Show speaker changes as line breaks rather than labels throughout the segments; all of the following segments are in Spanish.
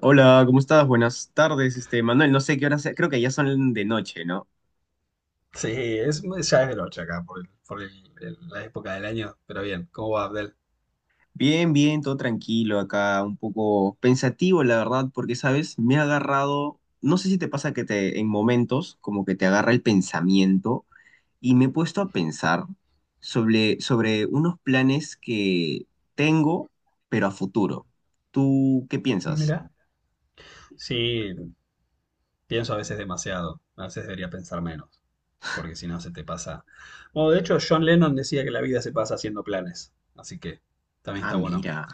Hola, ¿cómo estás? Buenas tardes, este Manuel. No sé qué hora sea, creo que ya son de noche, ¿no?
Sí, es, ya es del 8 acá, la época del año. Pero bien, ¿cómo va Abdel?
Bien, bien, todo tranquilo acá, un poco pensativo, la verdad, porque, ¿sabes? Me ha agarrado, no sé si te pasa que te, en momentos, como que te agarra el pensamiento y me he puesto a pensar sobre unos planes que tengo, pero a futuro. ¿Tú qué piensas?
Mira. Sí, pienso a veces demasiado. A veces debería pensar menos, porque si no se te pasa. Bueno, de hecho, John Lennon decía que la vida se pasa haciendo planes, así que también
Ah,
está bueno
mira.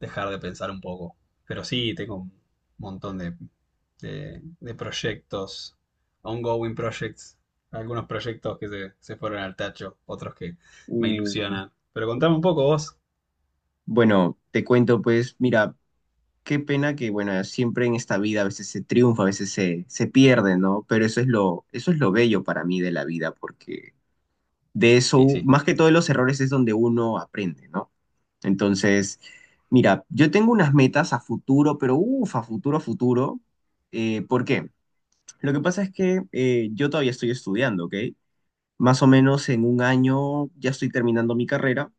dejar de pensar un poco. Pero sí, tengo un montón de proyectos, ongoing projects, algunos proyectos se fueron al tacho, otros que me
Uh,
ilusionan. Pero contame un poco vos.
bueno, te cuento, pues, mira. Qué pena que, bueno, siempre en esta vida a veces se triunfa, a veces se pierde, ¿no? Pero eso es lo bello para mí de la vida, porque de
Y
eso,
sí.
más que todo de los errores es donde uno aprende, ¿no? Entonces, mira, yo tengo unas metas a futuro, pero uff, a futuro, a futuro. ¿Por qué? Lo que pasa es que yo todavía estoy estudiando, ¿ok? Más o menos en un año ya estoy terminando mi carrera,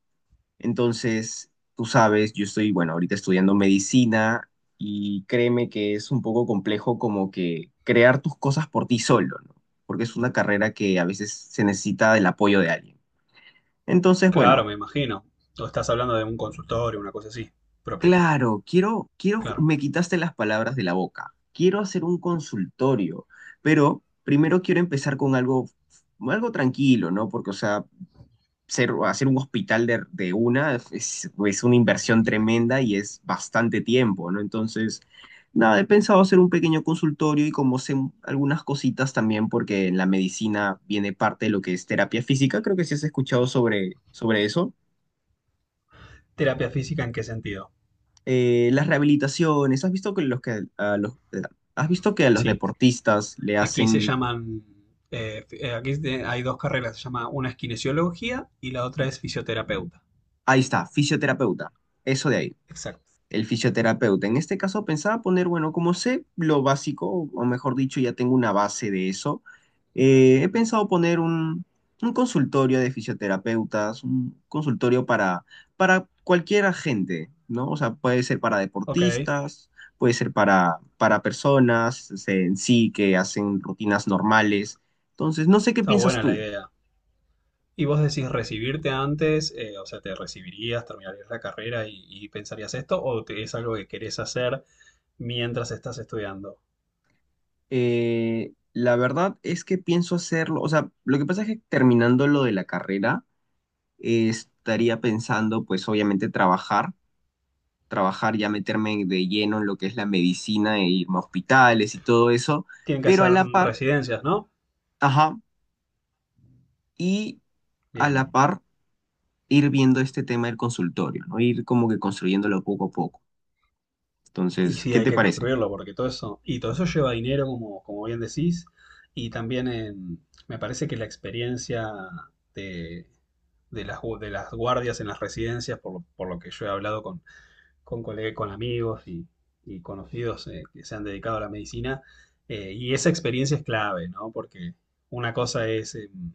entonces, tú sabes, yo estoy, bueno, ahorita estudiando medicina y créeme que es un poco complejo como que crear tus cosas por ti solo, ¿no? Porque es una carrera que a veces se necesita del apoyo de alguien. Entonces,
Claro,
bueno,
me imagino. O estás hablando de un consultorio, una cosa así, propio.
claro,
Claro.
me quitaste las palabras de la boca. Quiero hacer un consultorio, pero primero quiero empezar con algo, algo tranquilo, ¿no? Porque, o sea, hacer un hospital de una es una inversión tremenda y es bastante tiempo, ¿no? Entonces, nada, he pensado hacer un pequeño consultorio y como sé algunas cositas también, porque en la medicina viene parte de lo que es terapia física, creo que sí has escuchado sobre eso.
¿Terapia física en qué sentido?
Las rehabilitaciones, ¿has visto que, los que a los, has visto que a los
Sí.
deportistas le
Aquí se
hacen,
llaman. Aquí hay dos carreras, se llama una es kinesiología y la otra es fisioterapeuta.
ahí está, fisioterapeuta, eso de ahí.
Exacto.
El fisioterapeuta. En este caso pensaba poner, bueno, como sé lo básico, o mejor dicho, ya tengo una base de eso, he pensado poner un consultorio de fisioterapeutas, un consultorio para cualquier gente, ¿no? O sea, puede ser para
Ok,
deportistas, puede ser para personas este, en sí que hacen rutinas normales. Entonces, no sé qué
está
piensas
buena la
tú.
idea. ¿Y vos decís recibirte antes? O sea, ¿te recibirías, terminarías la carrera y pensarías esto? ¿O es algo que querés hacer mientras estás estudiando?
La verdad es que pienso hacerlo, o sea, lo que pasa es que terminando lo de la carrera, estaría pensando, pues obviamente trabajar, trabajar ya meterme de lleno en lo que es la medicina e irme a hospitales y todo eso,
Tienen que
pero a
hacer
la par,
residencias, ¿no?
ajá, y a la
Bien.
par ir viendo este tema del consultorio, ¿no? Ir como que construyéndolo poco a poco.
Y
Entonces,
sí,
¿qué
hay
te
que
parece?
construirlo, porque todo eso, y todo eso lleva dinero, como, como bien decís, y también me parece que la experiencia de, de las guardias en las residencias, por lo que yo he hablado con, con amigos y conocidos que se han dedicado a la medicina, y esa experiencia es clave, ¿no? Porque una cosa es...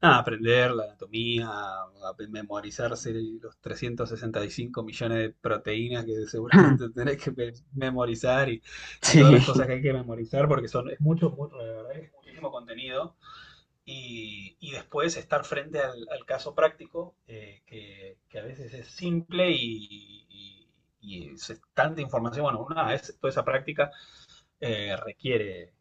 Nada, aprender la anatomía, a memorizarse los 365 millones de proteínas que seguramente tenés que memorizar y todas las cosas
Sí,
que hay que memorizar porque son, es mucho, mucho, la verdad es muchísimo contenido. Y después estar frente al, al caso práctico, que a veces es simple y- y es tanta información. Bueno, una vez toda esa práctica requiere,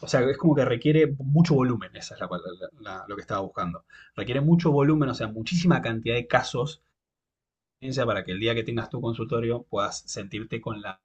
o sea, es como que requiere mucho volumen, esa es lo que estaba buscando. Requiere mucho volumen, o sea, muchísima cantidad de casos, ciencia, para que el día que tengas tu consultorio puedas sentirte con la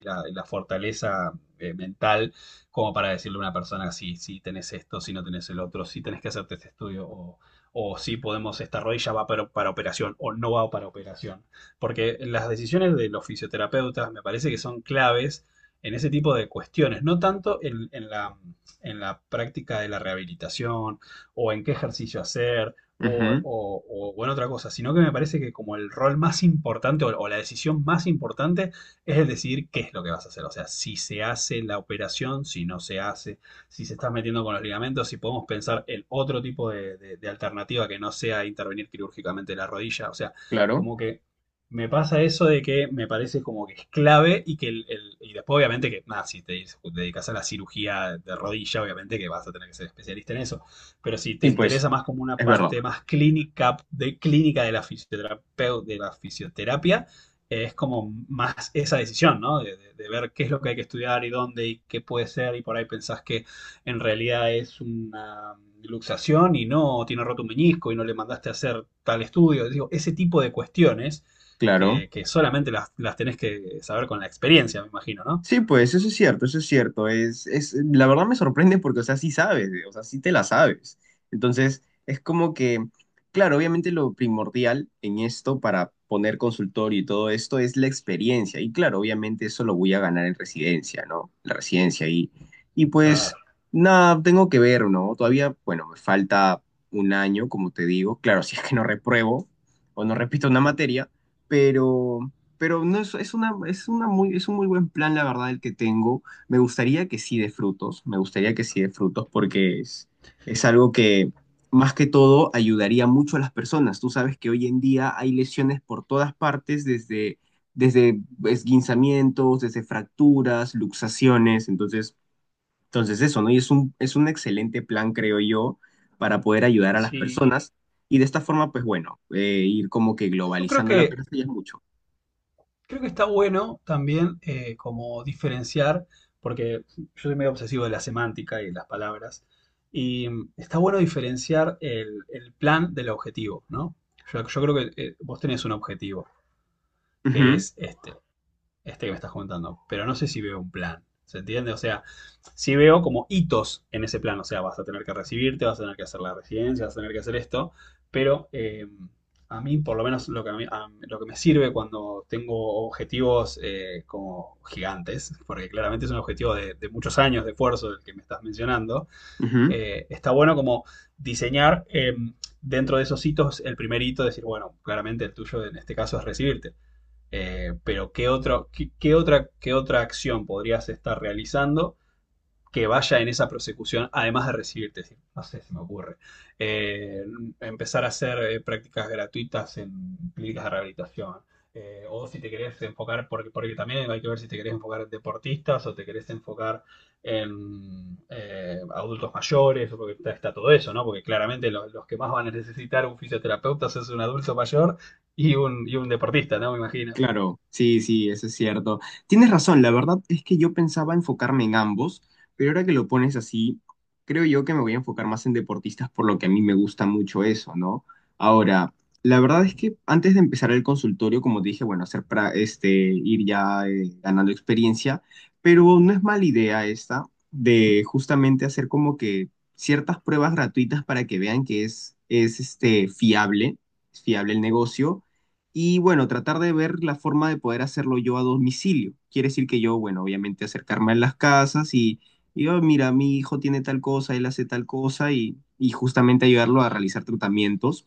la, la fortaleza mental como para decirle a una persona si, si tenés esto, si no tenés el otro, si tenés que hacerte este estudio o si podemos, esta rodilla va para operación o no va para operación. Porque las decisiones de los fisioterapeutas me parece que son claves en ese tipo de cuestiones, no tanto en la práctica de la rehabilitación o en qué ejercicio hacer o,
ujú,
o- o- en otra cosa, sino que me parece que como el rol más importante o la decisión más importante es el decidir qué es lo que vas a hacer. O sea, si se hace la operación, si no se hace, si se está metiendo con los ligamentos, si podemos pensar el otro tipo de alternativa que no sea intervenir quirúrgicamente la rodilla. O sea,
claro.
como que me pasa eso de que me parece como que es clave y que y después obviamente que, nada, si te dedicas a la cirugía de rodilla, obviamente que vas a tener que ser especialista en eso, pero si te
Sí, pues,
interesa más como una
es verdad,
parte más clínica de la fisioterapia, es como más esa decisión, ¿no? Ver qué es lo que hay que estudiar y dónde y qué puede ser y por ahí pensás que en realidad es una luxación y no, tiene roto un menisco y no le mandaste a hacer tal estudio. Digo, ese tipo de cuestiones
claro.
que solamente tenés que saber con la experiencia, me imagino, ¿no?
Sí, pues eso es cierto, eso es cierto. La verdad me sorprende porque, o sea, sí sabes, o sea, sí te la sabes. Entonces, es como que, claro, obviamente lo primordial en esto para poner consultorio y todo esto es la experiencia. Y claro, obviamente eso lo voy a ganar en residencia, ¿no? Y pues,
Claro.
nada, tengo que ver, ¿no? Todavía, bueno, me falta un año, como te digo. Claro, si es que no repruebo o no repito una materia, pero... Pero no es, es una muy, es un muy buen plan, la verdad, el que tengo. Me gustaría que sí de frutos, me gustaría que sí de frutos, porque es algo que más que todo ayudaría mucho a las personas. Tú sabes que hoy en día hay lesiones por todas partes, desde, desde esguinzamientos, desde fracturas, luxaciones. Entonces eso, ¿no? Y es un excelente plan, creo yo, para poder ayudar a las
Sí.
personas. Y de esta forma, pues bueno, ir como que
Yo creo
globalizando la
que
persona ya es mucho.
creo que está bueno también como diferenciar, porque yo soy medio obsesivo de la semántica y de las palabras, y está bueno diferenciar el plan del objetivo, ¿no? Yo creo que vos tenés un objetivo, que es este, este que me estás comentando, pero no sé si veo un plan. ¿Se entiende? O sea, sí veo como hitos en ese plan. O sea, vas a tener que recibirte, vas a tener que hacer la residencia, vas a tener que hacer esto. Pero a mí, por lo menos, lo que, a mí- lo que me sirve cuando tengo objetivos como gigantes, porque claramente es un objetivo de muchos años de esfuerzo el que me estás mencionando,
Ujú,
está bueno como diseñar dentro de esos hitos el primer hito, decir, bueno, claramente el tuyo en este caso es recibirte. Pero ¿qué otra, qué otra acción podrías estar realizando que vaya en esa prosecución, además de recibirte? No sé, se me ocurre. Eh, Empezar a hacer prácticas gratuitas en clínicas de rehabilitación. O si te querés enfocar, porque, porque también hay que ver si te querés enfocar en deportistas o te querés enfocar en adultos mayores, porque está, está todo eso, ¿no? Porque claramente los que más van a necesitar un fisioterapeuta es un adulto mayor y un deportista, ¿no? Me imagino.
claro, sí, sí, eso es cierto. Tienes razón, la verdad es que yo pensaba enfocarme en ambos, pero ahora que lo pones así, creo yo que me voy a enfocar más en deportistas por lo que a mí me gusta mucho eso, ¿no? Ahora, la verdad es que antes de empezar el consultorio, como te dije, bueno, hacer para este, ir ya ganando experiencia, pero no es mala idea esta de justamente hacer como que ciertas pruebas gratuitas para que vean que es este, fiable, es fiable el negocio. Y bueno, tratar de ver la forma de poder hacerlo yo a domicilio. Quiere decir que yo, bueno, obviamente acercarme a las casas y, "Oh, mira, mi hijo tiene tal cosa, él hace tal cosa y justamente ayudarlo a realizar tratamientos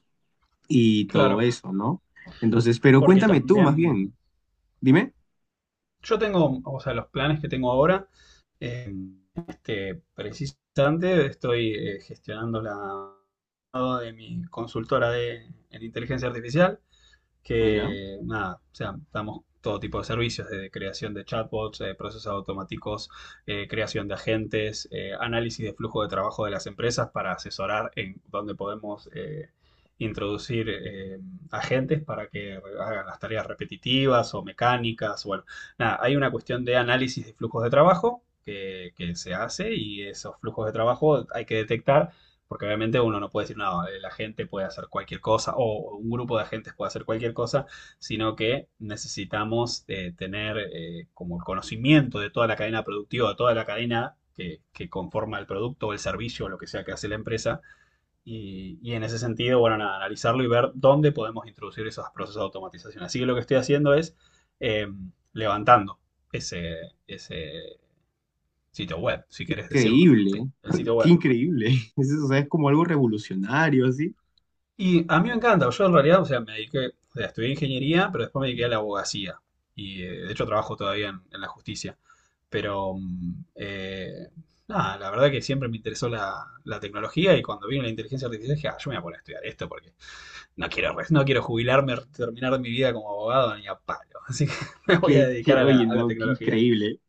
y todo
Claro,
eso, ¿no? Entonces, pero
porque
cuéntame tú más
también
bien, dime,
yo tengo, o sea, los planes que tengo ahora, eh, este, precisamente estoy gestionando la de mi consultora de en inteligencia artificial
mira,
que nada, o sea, damos todo tipo de servicios, desde creación de chatbots, procesos automáticos, creación de agentes, análisis de flujo de trabajo de las empresas para asesorar en dónde podemos introducir agentes para que hagan las tareas repetitivas o mecánicas. Bueno, nada, hay una cuestión de análisis de flujos de trabajo. Que se hace y esos flujos de trabajo hay que detectar porque obviamente uno no puede decir, no, la gente puede hacer cualquier cosa o un grupo de agentes puede hacer cualquier cosa, sino que necesitamos tener como el conocimiento de toda la cadena productiva, de toda la cadena que conforma el producto o el servicio o lo que sea que hace la empresa. Y en ese sentido, bueno, nada, analizarlo y ver dónde podemos introducir esos procesos de automatización. Así que lo que estoy haciendo es eh, levantando ese, ese sitio web, si querés decirlo. Sí,
increíble,
el sitio
qué
web.
increíble. Es, o sea, es como algo revolucionario, así.
Y a mí me encanta, yo en realidad, o sea, me dediqué, o sea, estudié ingeniería, pero después me dediqué a la abogacía. Y de hecho trabajo todavía en la justicia. Pero, nada, la verdad que siempre me interesó la, la tecnología y cuando vino la inteligencia artificial dije, ah, yo me voy a poner a estudiar esto porque no quiero, no quiero jubilarme, terminar mi vida como abogado ni a palo. Así que me voy a dedicar
Oye,
a la
no, qué
tecnología.
increíble.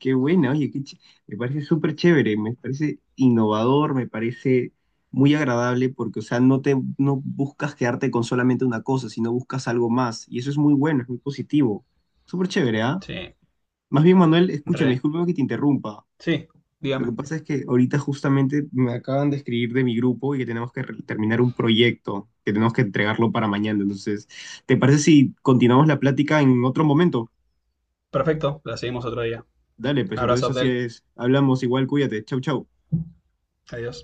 Qué buena, oye, me parece súper chévere, me parece innovador, me parece muy agradable porque, o sea, no buscas quedarte con solamente una cosa, sino buscas algo más. Y eso es muy bueno, es muy positivo. Súper chévere, ¿ah?
Sí,
Más bien, Manuel, escúchame,
re.
discúlpame que te interrumpa.
Sí,
Lo que
dígame.
pasa es que ahorita justamente me acaban de escribir de mi grupo y que tenemos que terminar un proyecto, que tenemos que entregarlo para mañana. Entonces, ¿te parece si continuamos la plática en otro momento?
Perfecto, la seguimos otro día.
Dale, pues
Abrazo,
entonces así
Abdel.
es. Hablamos igual, cuídate. Chau, chau.
Adiós.